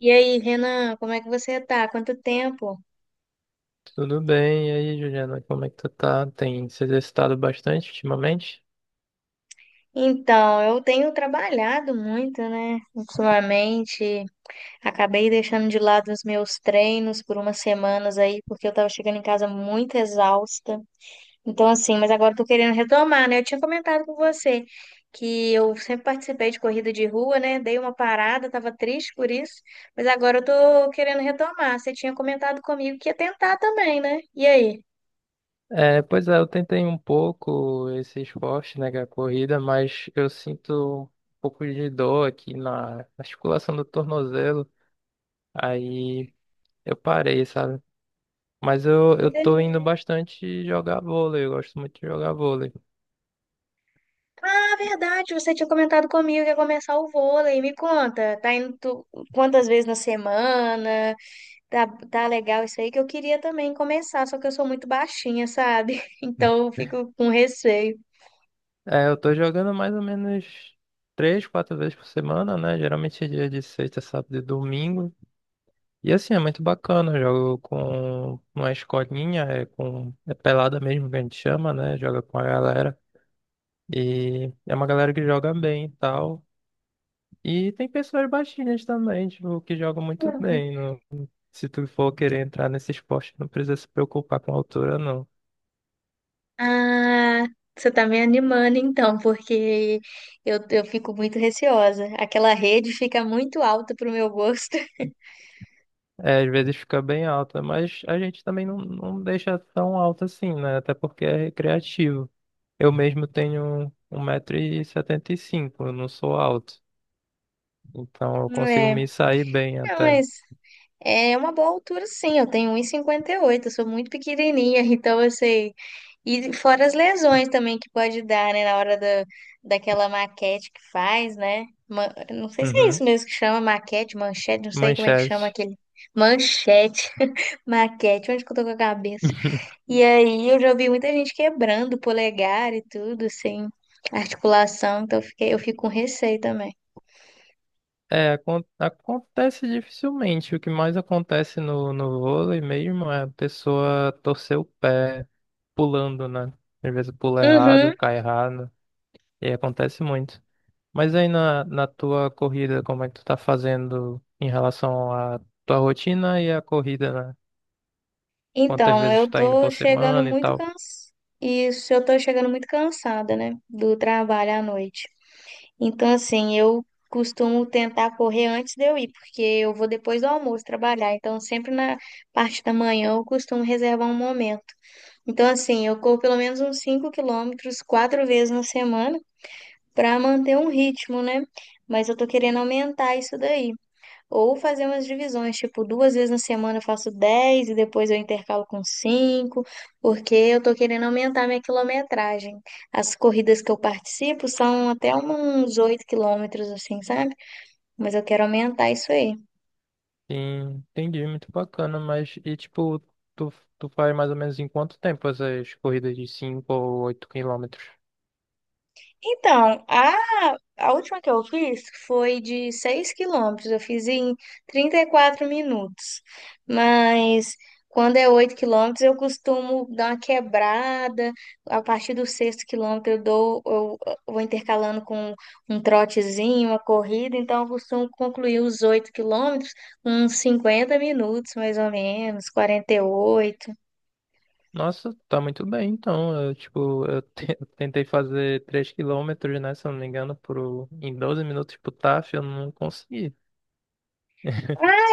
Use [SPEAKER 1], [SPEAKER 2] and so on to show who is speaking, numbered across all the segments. [SPEAKER 1] E aí, Renan, como é que você tá? Quanto tempo?
[SPEAKER 2] Tudo bem, e aí, Juliana, como é que tu tá? Tem se exercitado bastante ultimamente?
[SPEAKER 1] Então, eu tenho trabalhado muito, né? Ultimamente, acabei deixando de lado os meus treinos por umas semanas aí, porque eu tava chegando em casa muito exausta. Então, assim, mas agora eu tô querendo retomar, né? Eu tinha comentado com você que eu sempre participei de corrida de rua, né? Dei uma parada, tava triste por isso, mas agora eu tô querendo retomar. Você tinha comentado comigo que ia tentar também, né? E aí?
[SPEAKER 2] É, pois é, eu tentei um pouco esse esporte, né, que é a corrida, mas eu sinto um pouco de dor aqui na articulação do tornozelo, aí eu parei, sabe? Mas eu tô indo
[SPEAKER 1] E
[SPEAKER 2] bastante jogar vôlei, eu gosto muito de jogar vôlei.
[SPEAKER 1] verdade, você tinha comentado comigo que ia começar o vôlei. Me conta, tá indo quantas vezes na semana? Tá, tá legal isso aí que eu queria também começar, só que eu sou muito baixinha, sabe? Então eu fico com receio.
[SPEAKER 2] É, eu tô jogando mais ou menos três, quatro vezes por semana, né? Geralmente é dia de sexta, sábado e domingo. E assim, é muito bacana. Eu jogo com uma escolinha, é com é pelada mesmo que a gente chama, né? Joga com a galera. E é uma galera que joga bem e tal. E tem pessoas baixinhas também, tipo, que jogam muito
[SPEAKER 1] Uhum.
[SPEAKER 2] bem. Se tu for querer entrar nesse esporte, não precisa se preocupar com a altura, não.
[SPEAKER 1] Ah, você tá me animando então, porque eu fico muito receosa. Aquela rede fica muito alta pro meu gosto.
[SPEAKER 2] É, às vezes fica bem alta, mas a gente também não deixa tão alta assim, né? Até porque é recreativo. Eu mesmo tenho 1,75 m, eu não sou alto. Então eu consigo
[SPEAKER 1] É,
[SPEAKER 2] me sair bem
[SPEAKER 1] é,
[SPEAKER 2] até.
[SPEAKER 1] mas É uma boa altura, sim. Eu tenho 1,58, eu sou muito pequenininha, então eu sei. E fora as lesões também que pode dar, né, na daquela maquete que faz, né? Não sei se é isso
[SPEAKER 2] Uhum.
[SPEAKER 1] mesmo que chama maquete, manchete, não sei como é que chama
[SPEAKER 2] Manchete.
[SPEAKER 1] aquele. Manchete, maquete, onde que eu tô com a cabeça? E aí eu já vi muita gente quebrando o polegar e tudo, assim, articulação, então eu fico com receio também.
[SPEAKER 2] É, acontece dificilmente. O que mais acontece no vôlei mesmo é a pessoa torcer o pé pulando, né? Às vezes pula errado,
[SPEAKER 1] Uhum.
[SPEAKER 2] cai errado, e aí acontece muito. Mas aí na tua corrida, como é que tu tá fazendo em relação à tua rotina e à corrida, né? Quantas
[SPEAKER 1] Então,
[SPEAKER 2] vezes tu
[SPEAKER 1] eu
[SPEAKER 2] tá indo
[SPEAKER 1] tô
[SPEAKER 2] por
[SPEAKER 1] chegando
[SPEAKER 2] semana e
[SPEAKER 1] muito
[SPEAKER 2] tal?
[SPEAKER 1] cansada. Isso, eu tô chegando muito cansada, né? Do trabalho à noite. Então, assim, eu costumo tentar correr antes de eu ir, porque eu vou depois do almoço trabalhar. Então, sempre na parte da manhã eu costumo reservar um momento. Então, assim, eu corro pelo menos uns 5 km quatro vezes na semana para manter um ritmo, né? Mas eu tô querendo aumentar isso daí. Ou fazer umas divisões, tipo, duas vezes na semana eu faço 10 e depois eu intercalo com 5 porque eu tô querendo aumentar minha quilometragem. As corridas que eu participo são até uns 8 km, assim, sabe? Mas eu quero aumentar isso aí.
[SPEAKER 2] Sim, entendi, muito bacana, mas e tipo, tu faz mais ou menos em quanto tempo essas corridas de 5 ou 8 quilômetros?
[SPEAKER 1] Então, a última que eu fiz foi de 6 km. Eu fiz em 34 minutos. Mas quando é 8 km, eu costumo dar uma quebrada. A partir do sexto quilômetro, eu vou intercalando com um trotezinho, uma corrida. Então, eu costumo concluir os 8 km com uns 50 minutos, mais ou menos, 48.
[SPEAKER 2] Nossa, tá muito bem, então. Eu, tipo, eu tentei fazer 3 km, né, se eu não me engano, em 12 minutos pro TAF, eu não consegui.
[SPEAKER 1] Ah,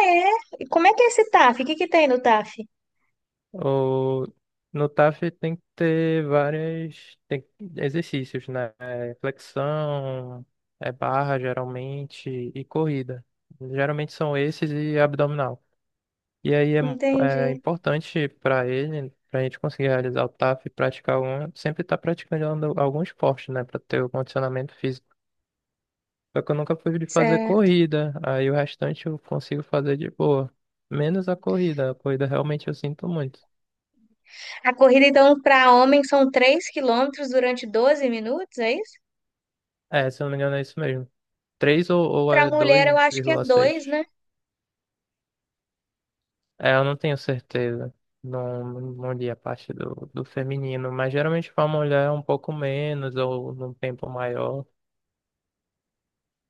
[SPEAKER 1] é? E como é que é esse TAF? O que que tem no TAF?
[SPEAKER 2] O No TAF tem que ter várias exercícios, né? É Flexão, é barra, geralmente, e corrida. Geralmente são esses e abdominal. E aí é
[SPEAKER 1] Entendi.
[SPEAKER 2] importante para ele, para a gente conseguir realizar o TAF e praticar algum, sempre estar praticando algum esporte, né? Para ter o condicionamento físico. Só que eu nunca fui de fazer corrida. Aí o restante eu consigo fazer de boa. Menos a corrida. A corrida realmente eu sinto muito.
[SPEAKER 1] A corrida, então, para homem são 3 km durante 12 minutos, é isso?
[SPEAKER 2] É, se eu não me engano, é isso mesmo. Três ou
[SPEAKER 1] Para
[SPEAKER 2] é
[SPEAKER 1] mulher, eu
[SPEAKER 2] dois
[SPEAKER 1] acho que é
[SPEAKER 2] vírgula seis,
[SPEAKER 1] dois, né?
[SPEAKER 2] É, eu não tenho certeza. Não, não li a parte do feminino. Mas geralmente para mulher é um pouco menos ou num tempo maior.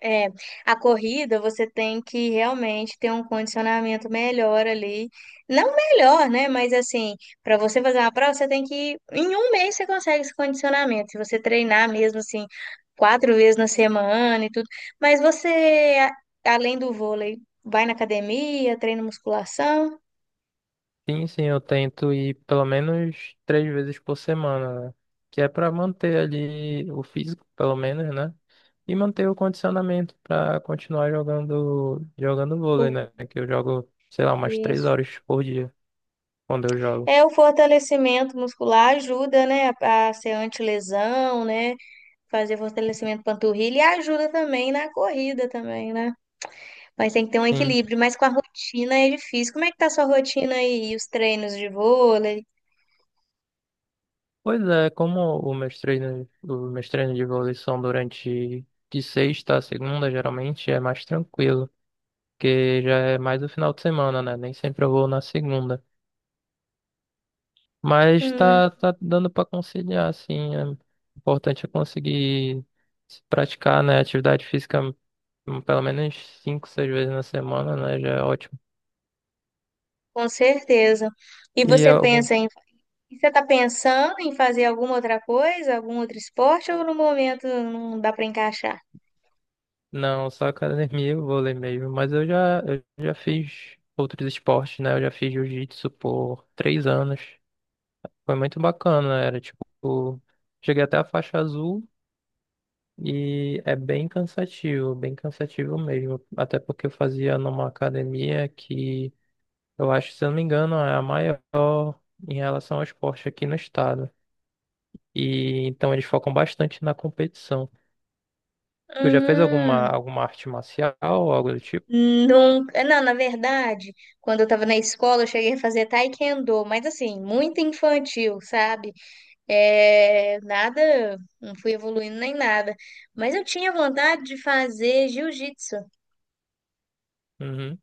[SPEAKER 1] É, a corrida você tem que realmente ter um condicionamento melhor ali. Não melhor, né? Mas assim, para você fazer uma prova, você tem que. Em um mês você consegue esse condicionamento. Se você treinar mesmo assim, quatro vezes na semana e tudo. Mas você, além do vôlei, vai na academia, treina musculação.
[SPEAKER 2] Sim, sim, eu tento ir pelo menos três vezes por semana, né? Que é para manter ali o físico, pelo menos, né? E manter o condicionamento para continuar jogando vôlei,
[SPEAKER 1] Tudo
[SPEAKER 2] né? Que eu jogo, sei lá, umas três
[SPEAKER 1] isso.
[SPEAKER 2] horas por dia quando eu jogo.
[SPEAKER 1] É, o fortalecimento muscular ajuda, né, a ser antilesão, né, fazer fortalecimento panturrilha e ajuda também na corrida também, né? Mas tem que ter um
[SPEAKER 2] Sim.
[SPEAKER 1] equilíbrio, mas com a rotina é difícil. Como é que tá a sua rotina aí? E os treinos de vôlei?
[SPEAKER 2] Pois é, como os meus treinos de vôlei são durante de sexta a segunda, geralmente é mais tranquilo, porque já é mais o final de semana, né? Nem sempre eu vou na segunda. Mas
[SPEAKER 1] Hum,
[SPEAKER 2] tá dando pra conciliar, assim. É importante é conseguir se praticar, né? Atividade física, pelo menos cinco, seis vezes na semana, né? Já é ótimo.
[SPEAKER 1] com certeza. E
[SPEAKER 2] E é
[SPEAKER 1] você
[SPEAKER 2] algum...
[SPEAKER 1] pensa em, você tá pensando em fazer alguma outra coisa, algum outro esporte ou no momento não dá para encaixar?
[SPEAKER 2] Não, só academia eu vou ler mesmo. Mas eu já fiz outros esportes, né? Eu já fiz jiu-jitsu por 3 anos. Foi muito bacana, era tipo... Cheguei até a faixa azul e é bem cansativo mesmo. Até porque eu fazia numa academia que eu acho, se eu não me engano, é a maior em relação ao esporte aqui no estado. E então eles focam bastante na competição. Tu já fez alguma,
[SPEAKER 1] Hum.
[SPEAKER 2] alguma arte marcial ou algo do tipo?
[SPEAKER 1] Nunca, não, na verdade, quando eu tava na escola, eu cheguei a fazer taekwondo, mas assim, muito infantil, sabe? É, nada, não fui evoluindo nem nada. Mas eu tinha vontade de fazer jiu-jitsu,
[SPEAKER 2] Uhum.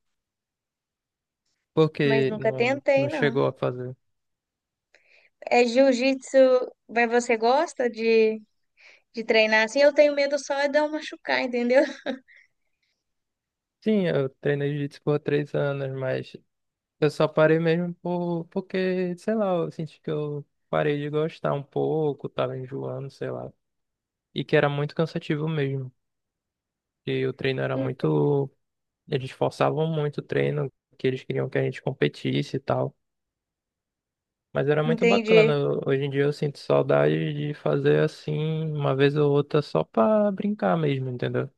[SPEAKER 1] mas
[SPEAKER 2] Porque
[SPEAKER 1] nunca
[SPEAKER 2] não,
[SPEAKER 1] tentei,
[SPEAKER 2] não
[SPEAKER 1] não.
[SPEAKER 2] chegou a fazer.
[SPEAKER 1] É jiu-jitsu, mas você gosta de treinar assim? Eu tenho medo só de eu machucar, entendeu?
[SPEAKER 2] Sim, eu treinei jiu-jitsu por 3 anos, mas eu só parei mesmo porque, sei lá, eu senti que eu parei de gostar um pouco, tava enjoando, sei lá. E que era muito cansativo mesmo. E o treino era muito. Eles forçavam muito o treino, que eles queriam que a gente competisse e tal. Mas era muito bacana.
[SPEAKER 1] Entendi.
[SPEAKER 2] Hoje em dia eu sinto saudade de fazer assim, uma vez ou outra, só pra brincar mesmo, entendeu?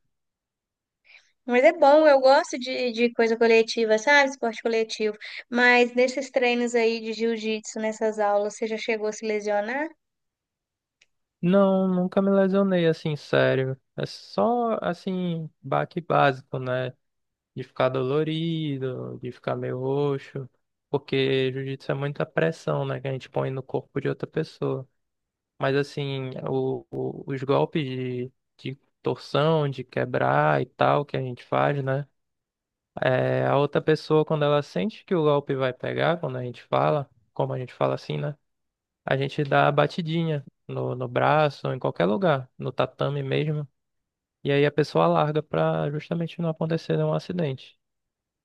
[SPEAKER 1] Mas é bom, eu gosto de coisa coletiva, sabe? Esporte coletivo. Mas nesses treinos aí de jiu-jitsu, nessas aulas, você já chegou a se lesionar?
[SPEAKER 2] Não, nunca me lesionei assim, sério. É só assim, baque básico, né? De ficar dolorido, de ficar meio roxo. Porque jiu-jitsu é muita pressão, né? Que a gente põe no corpo de outra pessoa. Mas assim, os golpes de torção, de quebrar e tal que a gente faz, né? É, a outra pessoa, quando ela sente que o golpe vai pegar, quando a gente fala, como a gente fala assim, né? A gente dá a batidinha no braço, em qualquer lugar, no tatame mesmo. E aí a pessoa larga pra justamente não acontecer um acidente.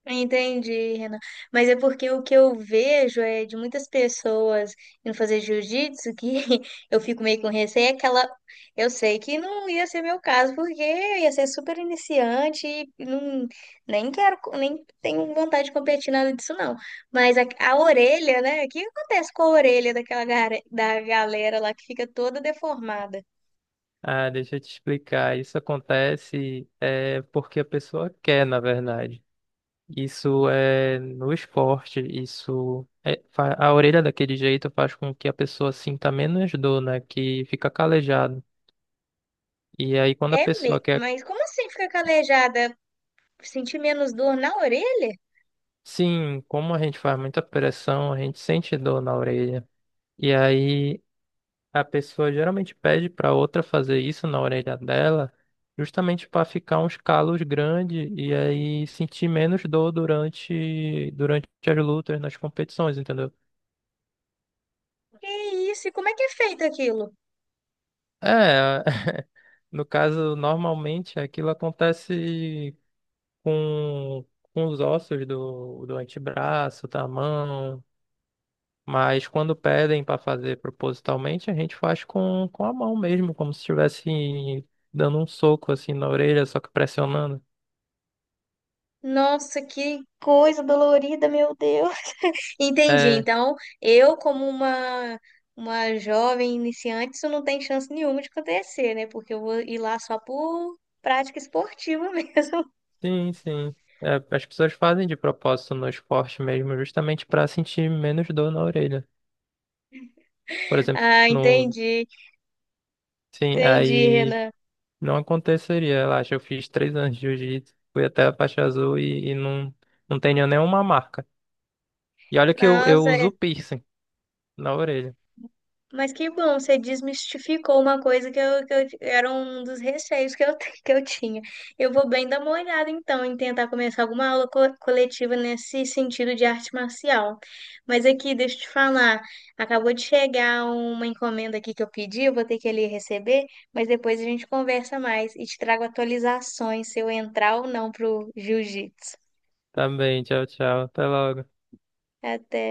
[SPEAKER 1] Entendi, Renan. Mas é porque o que eu vejo é de muitas pessoas indo fazer jiu-jitsu que eu fico meio com receio, é aquela. Eu sei que não ia ser meu caso, porque eu ia ser super iniciante e não, nem quero, co- nem tenho vontade de competir nada disso, não. Mas a orelha, né? O que acontece com a orelha daquela da galera lá que fica toda deformada?
[SPEAKER 2] Ah, deixa eu te explicar. Isso acontece é, porque a pessoa quer, na verdade. Isso é no esporte, a orelha daquele jeito faz com que a pessoa sinta menos dor, né? Que fica calejado. E aí quando a
[SPEAKER 1] É, me...
[SPEAKER 2] pessoa quer,
[SPEAKER 1] mas como assim fica calejada? Sentir menos dor na orelha?
[SPEAKER 2] sim, como a gente faz muita pressão, a gente sente dor na orelha. E aí a pessoa geralmente pede para outra fazer isso na orelha dela, justamente para ficar uns calos grandes e aí sentir menos dor durante as lutas, nas competições, entendeu?
[SPEAKER 1] Que isso? E como é que é feito aquilo?
[SPEAKER 2] É, no caso, normalmente aquilo acontece com, com os ossos do antebraço, da mão, mas quando pedem para fazer propositalmente, a gente faz com a mão mesmo, como se estivesse dando um soco assim na orelha, só que pressionando.
[SPEAKER 1] Nossa, que coisa dolorida, meu Deus. Entendi.
[SPEAKER 2] É,
[SPEAKER 1] Então, eu, como uma, uma jovem iniciante, isso não tem chance nenhuma de acontecer, né? Porque eu vou ir lá só por prática esportiva mesmo.
[SPEAKER 2] sim, sim. É, as pessoas fazem de propósito no esporte mesmo, justamente para sentir menos dor na orelha. Por exemplo,
[SPEAKER 1] Ah, entendi.
[SPEAKER 2] sim,
[SPEAKER 1] Entendi,
[SPEAKER 2] aí.
[SPEAKER 1] Renan.
[SPEAKER 2] Não aconteceria, relaxa. Eu fiz 3 anos de jiu-jitsu, fui até a faixa azul e não, não tenho nenhuma marca. E olha que eu
[SPEAKER 1] Nossa,
[SPEAKER 2] uso piercing na orelha.
[SPEAKER 1] mas que bom, você desmistificou uma coisa que era um dos receios que eu tinha. Eu vou bem dar uma olhada, então, em tentar começar alguma aula coletiva nesse sentido de arte marcial. Mas aqui, deixa eu te falar, acabou de chegar uma encomenda aqui que eu pedi, eu vou ter que ali receber, mas depois a gente conversa mais e te trago atualizações se eu entrar ou não pro jiu-jitsu.
[SPEAKER 2] Tá bem, tchau, tchau. Até logo.
[SPEAKER 1] Até.